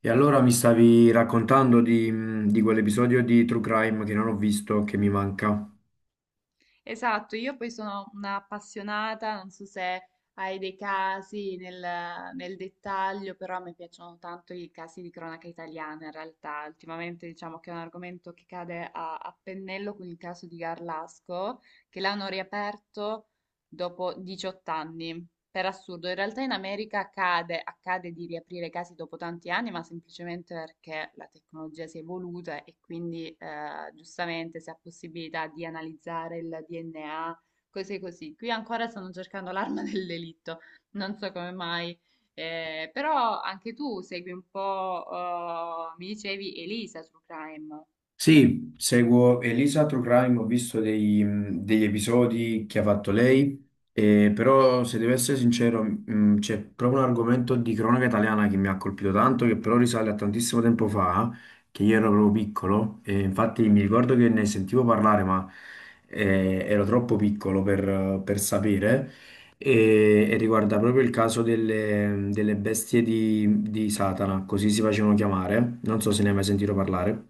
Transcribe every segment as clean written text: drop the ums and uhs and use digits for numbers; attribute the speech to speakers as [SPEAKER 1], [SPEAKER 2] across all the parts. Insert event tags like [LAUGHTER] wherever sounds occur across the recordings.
[SPEAKER 1] E allora mi stavi raccontando di quell'episodio di True Crime che non ho visto, che mi manca.
[SPEAKER 2] Esatto, io poi sono un'appassionata, non so se hai dei casi nel dettaglio, però a me piacciono tanto i casi di cronaca italiana in realtà. Ultimamente diciamo che è un argomento che cade a pennello con il caso di Garlasco, che l'hanno riaperto dopo 18 anni. Per assurdo, in realtà in America accade di riaprire casi dopo tanti anni, ma semplicemente perché la tecnologia si è evoluta e quindi giustamente si ha possibilità di analizzare il DNA, cose così. Qui ancora stanno cercando l'arma [LAUGHS] del delitto, non so come mai. Però anche tu segui un po', mi dicevi, Elisa su Crime.
[SPEAKER 1] Sì, seguo Elisa True Crime, ho visto degli episodi che ha fatto lei, però se devo essere sincero, c'è proprio un argomento di cronaca italiana che mi ha colpito tanto, che però risale a tantissimo tempo fa, che io ero proprio piccolo, e infatti mi ricordo che ne sentivo parlare, ma ero troppo piccolo per, sapere, e riguarda proprio il caso delle, bestie di Satana, così si facevano chiamare, non so se ne hai mai sentito parlare.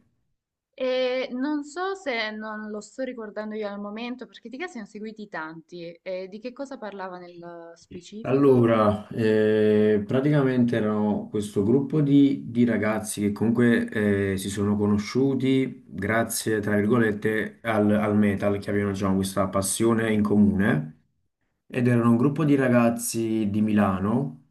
[SPEAKER 2] E non so se non lo sto ricordando io al momento, perché di che ne ho seguiti tanti. E di che cosa parlava nel specifico?
[SPEAKER 1] Allora, praticamente erano questo gruppo di, ragazzi che comunque si sono conosciuti grazie, tra virgolette, al metal, che avevano diciamo, questa passione in comune, ed erano un gruppo di ragazzi di Milano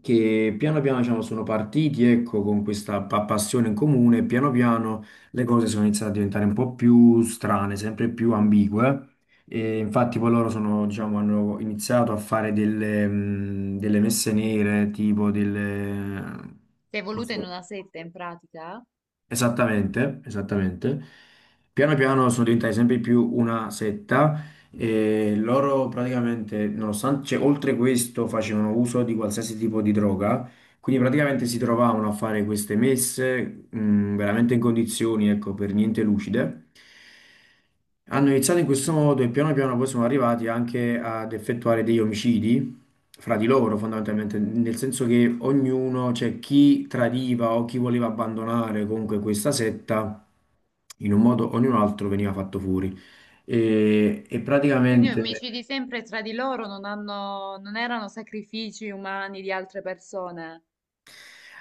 [SPEAKER 1] che piano piano diciamo, sono partiti ecco, con questa passione in comune, piano piano le cose sono iniziate a diventare un po' più strane, sempre più ambigue. E infatti poi loro sono, diciamo, hanno iniziato a fare delle, delle messe nere, tipo delle.
[SPEAKER 2] Si è evoluta in una setta in pratica?
[SPEAKER 1] Esattamente, esattamente. Piano piano sono diventate sempre più una setta e loro praticamente, nonostante, cioè, oltre questo, facevano uso di qualsiasi tipo di droga, quindi praticamente si trovavano a fare queste messe, veramente in condizioni, ecco, per niente lucide. Hanno iniziato in questo modo e piano piano poi sono arrivati anche ad effettuare degli omicidi fra di loro,
[SPEAKER 2] Ah.
[SPEAKER 1] fondamentalmente, nel senso che ognuno, cioè chi tradiva o chi voleva abbandonare comunque questa setta, in un modo o in un altro veniva fatto fuori. e
[SPEAKER 2] Quindi
[SPEAKER 1] praticamente
[SPEAKER 2] omicidi sempre tra di loro, non erano sacrifici umani di altre persone.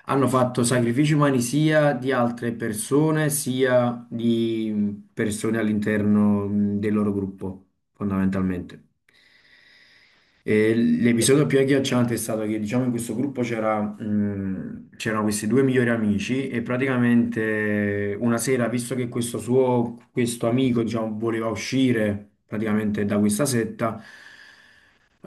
[SPEAKER 1] hanno fatto sacrifici umani sia di altre persone, sia di persone all'interno del loro gruppo, fondamentalmente. E l'episodio più agghiacciante è stato che, diciamo, in questo gruppo c'erano questi due migliori amici e praticamente una sera, visto che questo amico, diciamo, voleva uscire praticamente da questa setta,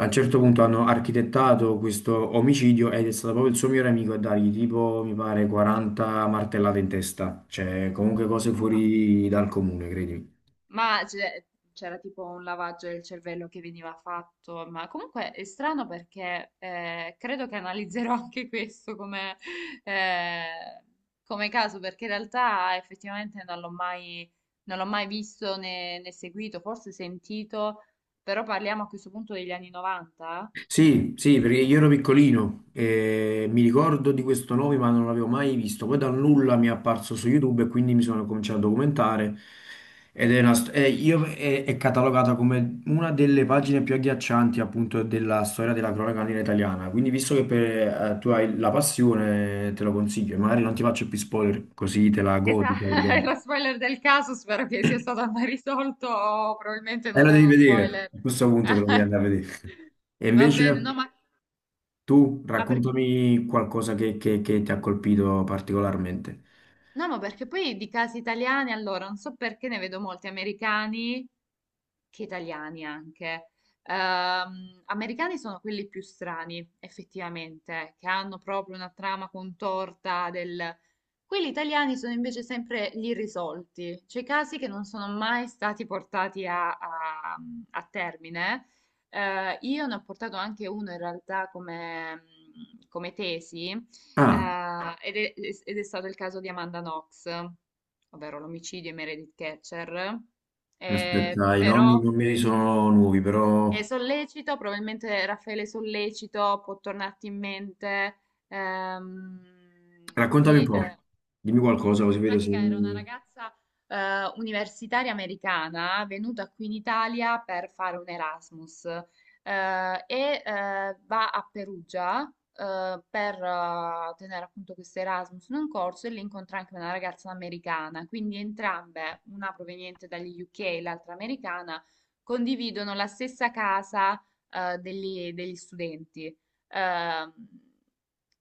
[SPEAKER 1] a un certo punto hanno architettato questo omicidio ed è stato proprio il suo migliore amico a dargli tipo, mi pare, 40 martellate in testa, cioè comunque cose fuori dal comune, credimi.
[SPEAKER 2] Ma c'è- C'era tipo un lavaggio del cervello che veniva fatto, ma comunque è strano perché credo che analizzerò [LAUGHS] anche questo eh, come caso, perché in realtà effettivamente non l'ho mai visto né seguito, forse sentito, però parliamo a questo punto degli anni 90.
[SPEAKER 1] Sì, sì, perché io ero piccolino e mi ricordo di questo nome, ma non l'avevo mai visto. Poi dal nulla mi è apparso su YouTube e quindi mi sono cominciato a documentare. Ed è, una st- è- io- è catalogata come una delle pagine più agghiaccianti appunto della storia della cronaca nera italiana. Quindi, visto che tu hai la passione, te lo consiglio. E magari non ti faccio più spoiler, così te la
[SPEAKER 2] Esatto,
[SPEAKER 1] godi, tra
[SPEAKER 2] [LAUGHS] è lo
[SPEAKER 1] virgolette.
[SPEAKER 2] spoiler del caso, spero che sia stato mai risolto o probabilmente
[SPEAKER 1] E
[SPEAKER 2] non
[SPEAKER 1] lo
[SPEAKER 2] è
[SPEAKER 1] devi
[SPEAKER 2] uno
[SPEAKER 1] vedere.
[SPEAKER 2] spoiler.
[SPEAKER 1] A questo punto te lo devi andare a
[SPEAKER 2] [LAUGHS]
[SPEAKER 1] vedere. [LAUGHS] E
[SPEAKER 2] Va bene,
[SPEAKER 1] invece.
[SPEAKER 2] no, ma...
[SPEAKER 1] Tu
[SPEAKER 2] Ma perché?
[SPEAKER 1] raccontami qualcosa che, che ti ha colpito particolarmente.
[SPEAKER 2] No, ma perché poi di casi italiani, allora, non so perché ne vedo molti americani, che italiani anche. Americani sono quelli più strani, effettivamente, che hanno proprio una trama contorta del... Quelli italiani sono invece sempre gli irrisolti, cioè i casi che non sono mai stati portati a termine. Io ne ho portato anche uno in realtà come tesi.
[SPEAKER 1] Ah,
[SPEAKER 2] Eh, ed è, Ed è stato il caso di Amanda Knox, ovvero l'omicidio di Meredith Catcher.
[SPEAKER 1] aspetta, i nomi
[SPEAKER 2] Però
[SPEAKER 1] non mi sono nuovi,
[SPEAKER 2] è
[SPEAKER 1] però
[SPEAKER 2] sollecito, probabilmente Raffaele Sollecito può tornarti in mente
[SPEAKER 1] raccontami un
[SPEAKER 2] di
[SPEAKER 1] po', dimmi qualcosa così
[SPEAKER 2] in
[SPEAKER 1] vedo se
[SPEAKER 2] pratica era una
[SPEAKER 1] mi.
[SPEAKER 2] ragazza universitaria americana venuta qui in Italia per fare un Erasmus va a Perugia per tenere appunto questo Erasmus in un corso e lì incontra anche una ragazza americana, quindi entrambe, una proveniente dagli UK e l'altra americana, condividono la stessa casa degli studenti. Ehm,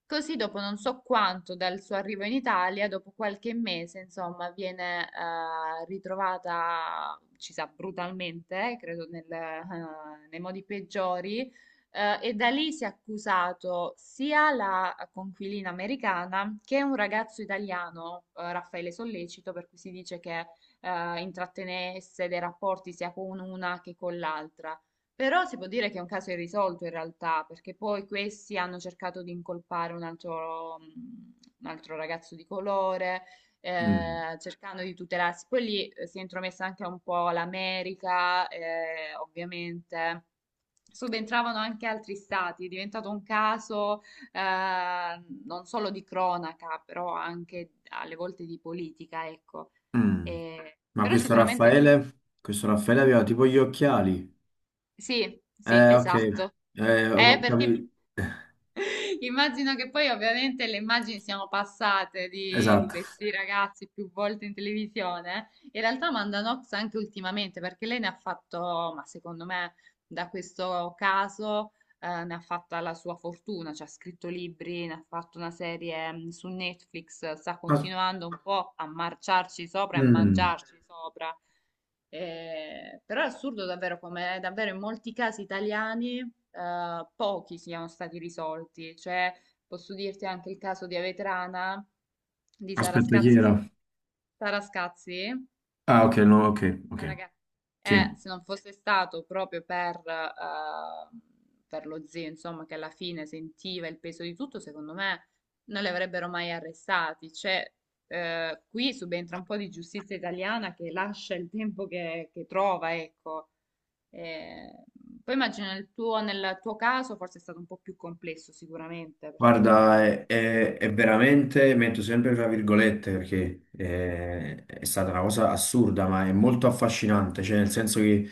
[SPEAKER 2] Così dopo non so quanto dal suo arrivo in Italia, dopo qualche mese, insomma, viene ritrovata, ci sa, brutalmente, credo nei modi peggiori, e da lì si è accusato sia la conquilina americana che un ragazzo italiano, Raffaele Sollecito, per cui si dice che intrattenesse dei rapporti sia con una che con l'altra. Però si può dire che è un caso irrisolto in realtà, perché poi questi hanno cercato di incolpare un altro ragazzo di colore,
[SPEAKER 1] Mm,
[SPEAKER 2] cercando di tutelarsi. Poi lì si è intromessa anche un po' l'America, ovviamente. Subentravano anche altri stati, è diventato un caso non solo di cronaca, però anche alle volte di politica, ecco.
[SPEAKER 1] mm. Ma
[SPEAKER 2] Però
[SPEAKER 1] questo
[SPEAKER 2] sicuramente sì,
[SPEAKER 1] Raffaele, questo Raffaele aveva tipo gli occhiali.
[SPEAKER 2] sì, sì,
[SPEAKER 1] Ok,
[SPEAKER 2] esatto.
[SPEAKER 1] ho
[SPEAKER 2] Perché
[SPEAKER 1] capito.
[SPEAKER 2] immagino che poi ovviamente le immagini siano passate di
[SPEAKER 1] Esatto.
[SPEAKER 2] questi ragazzi più volte in televisione. In realtà Amanda Knox anche ultimamente, perché lei ne ha fatto, ma secondo me da questo caso ne ha fatta la sua fortuna, cioè ha scritto libri, ne ha fatto una serie mm, su Netflix, sta
[SPEAKER 1] As-
[SPEAKER 2] continuando un po' a marciarci sopra e a
[SPEAKER 1] mm.
[SPEAKER 2] mangiarci sopra. Però è assurdo davvero come davvero in molti casi italiani pochi siano stati risolti. Cioè, posso dirti anche il caso di Avetrana, di Sara
[SPEAKER 1] Aspetta, chi
[SPEAKER 2] Scazzi.
[SPEAKER 1] era?
[SPEAKER 2] Sara Scazzi,
[SPEAKER 1] Ah, ok, no, ok, ok,
[SPEAKER 2] la raga-
[SPEAKER 1] sì.
[SPEAKER 2] eh, se non fosse stato proprio per lo zio, insomma, che alla fine sentiva il peso di tutto, secondo me non li avrebbero mai arrestati. Cioè, qui subentra un po' di giustizia italiana che lascia il tempo che trova, ecco. Eh, Poi immagino nel nel tuo caso forse è stato un po' più complesso, sicuramente, perché poi parliamo
[SPEAKER 1] Guarda,
[SPEAKER 2] di...
[SPEAKER 1] è, è veramente, metto sempre tra virgolette perché è stata una cosa assurda, ma è molto affascinante, cioè nel senso che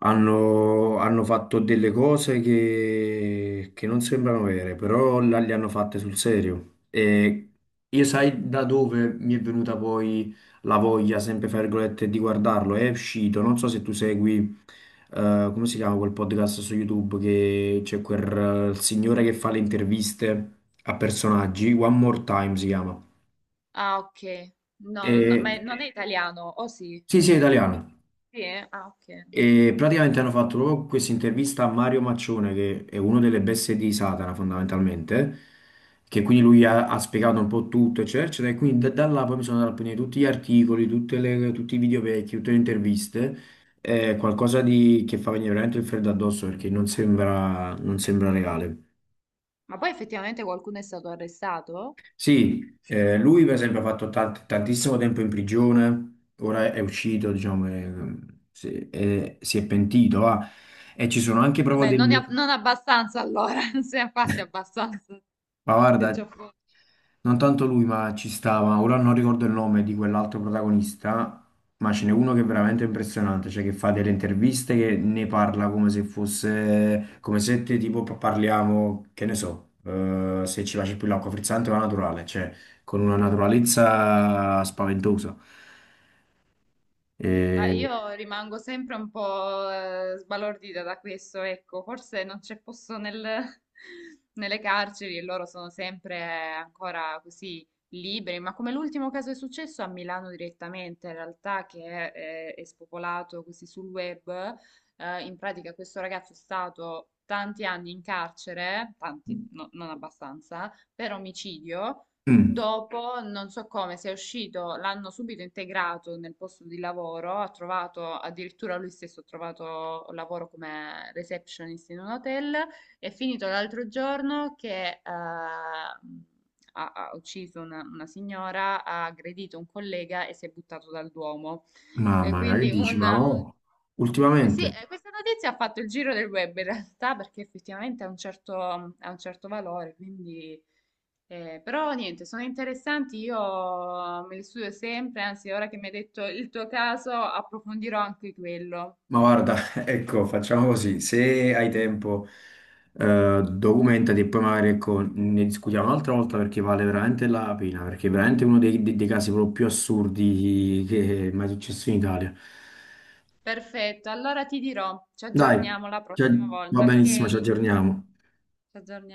[SPEAKER 1] hanno fatto delle cose che non sembrano vere, però là le hanno fatte sul serio. E io sai da dove mi è venuta poi la voglia, sempre fra virgolette, di guardarlo. È uscito, non so se tu segui, come si chiama quel podcast su YouTube che c'è quel signore che fa le interviste a personaggi, One More Time si chiama.
[SPEAKER 2] Ah, ok. No, no, no, ma
[SPEAKER 1] E,
[SPEAKER 2] non è italiano, o sì?
[SPEAKER 1] sì, sì, è italiano.
[SPEAKER 2] Sì, eh? Ah, ok.
[SPEAKER 1] E praticamente hanno fatto proprio questa intervista a Mario Maccione, che è uno delle bestie di Satana fondamentalmente, che quindi lui ha spiegato un po' tutto, eccetera, eccetera, e quindi da, là poi mi sono andato a prendere tutti gli articoli, tutti i video vecchi, tutte le interviste, qualcosa di, che fa venire veramente il freddo addosso perché non sembra, non sembra reale.
[SPEAKER 2] Ma poi effettivamente qualcuno è stato arrestato?
[SPEAKER 1] Sì, lui per esempio ha fatto tantissimo tempo in prigione, ora è uscito, diciamo, e si è pentito, va. E ci sono anche proprio
[SPEAKER 2] Vabbè, non,
[SPEAKER 1] delle. Pentito.
[SPEAKER 2] non abbastanza allora, [LAUGHS] non se ne ha fatti abbastanza,
[SPEAKER 1] Ma
[SPEAKER 2] se
[SPEAKER 1] guarda,
[SPEAKER 2] già fosse,
[SPEAKER 1] non tanto lui, ma ci stava. Ora non ricordo il nome di quell'altro protagonista, ma ce n'è uno che è veramente impressionante, cioè che fa delle interviste che ne parla come se fosse, come se te, tipo parliamo, che ne so, se ci piace più l'acqua frizzante o la naturale, cioè con una
[SPEAKER 2] se nulla
[SPEAKER 1] naturalezza
[SPEAKER 2] fosse.
[SPEAKER 1] spaventosa.
[SPEAKER 2] Ma
[SPEAKER 1] E.
[SPEAKER 2] io rimango sempre un po' sbalordita da questo, ecco, forse non c'è posto [LAUGHS] nelle carceri e loro sono sempre ancora così liberi, ma come l'ultimo caso è successo a Milano direttamente, in realtà che è spopolato così sul web, in pratica questo ragazzo è stato tanti anni in carcere, tanti, non abbastanza, per omicidio.
[SPEAKER 1] Mm,
[SPEAKER 2] Dopo, non so come, se è uscito, l'hanno subito integrato nel posto di lavoro, ha trovato, addirittura lui stesso ha trovato lavoro come receptionist in un hotel, è finito l'altro giorno che ha ucciso una signora, ha aggredito un collega e si è buttato dal Duomo. E
[SPEAKER 1] mamma mia, che
[SPEAKER 2] quindi
[SPEAKER 1] dici?
[SPEAKER 2] un...
[SPEAKER 1] Ma oh,
[SPEAKER 2] Sì,
[SPEAKER 1] ultimamente.
[SPEAKER 2] questa notizia ha fatto il giro del web in realtà perché effettivamente ha un certo valore, quindi... però niente, sono interessanti, io me li studio sempre, anzi ora che mi hai detto il tuo caso approfondirò anche quello.
[SPEAKER 1] Ma guarda, [LAUGHS] ecco, facciamo così, se hai tempo, documentati e poi magari ecco, ne discutiamo un'altra volta perché vale veramente la pena, perché è veramente uno dei, dei casi proprio più assurdi che è mai successo in Italia.
[SPEAKER 2] Perfetto, allora ti dirò, ci
[SPEAKER 1] Dai,
[SPEAKER 2] aggiorniamo la prossima
[SPEAKER 1] va
[SPEAKER 2] volta, ok?
[SPEAKER 1] benissimo, ci
[SPEAKER 2] Ci
[SPEAKER 1] aggiorniamo.
[SPEAKER 2] aggiorniamo.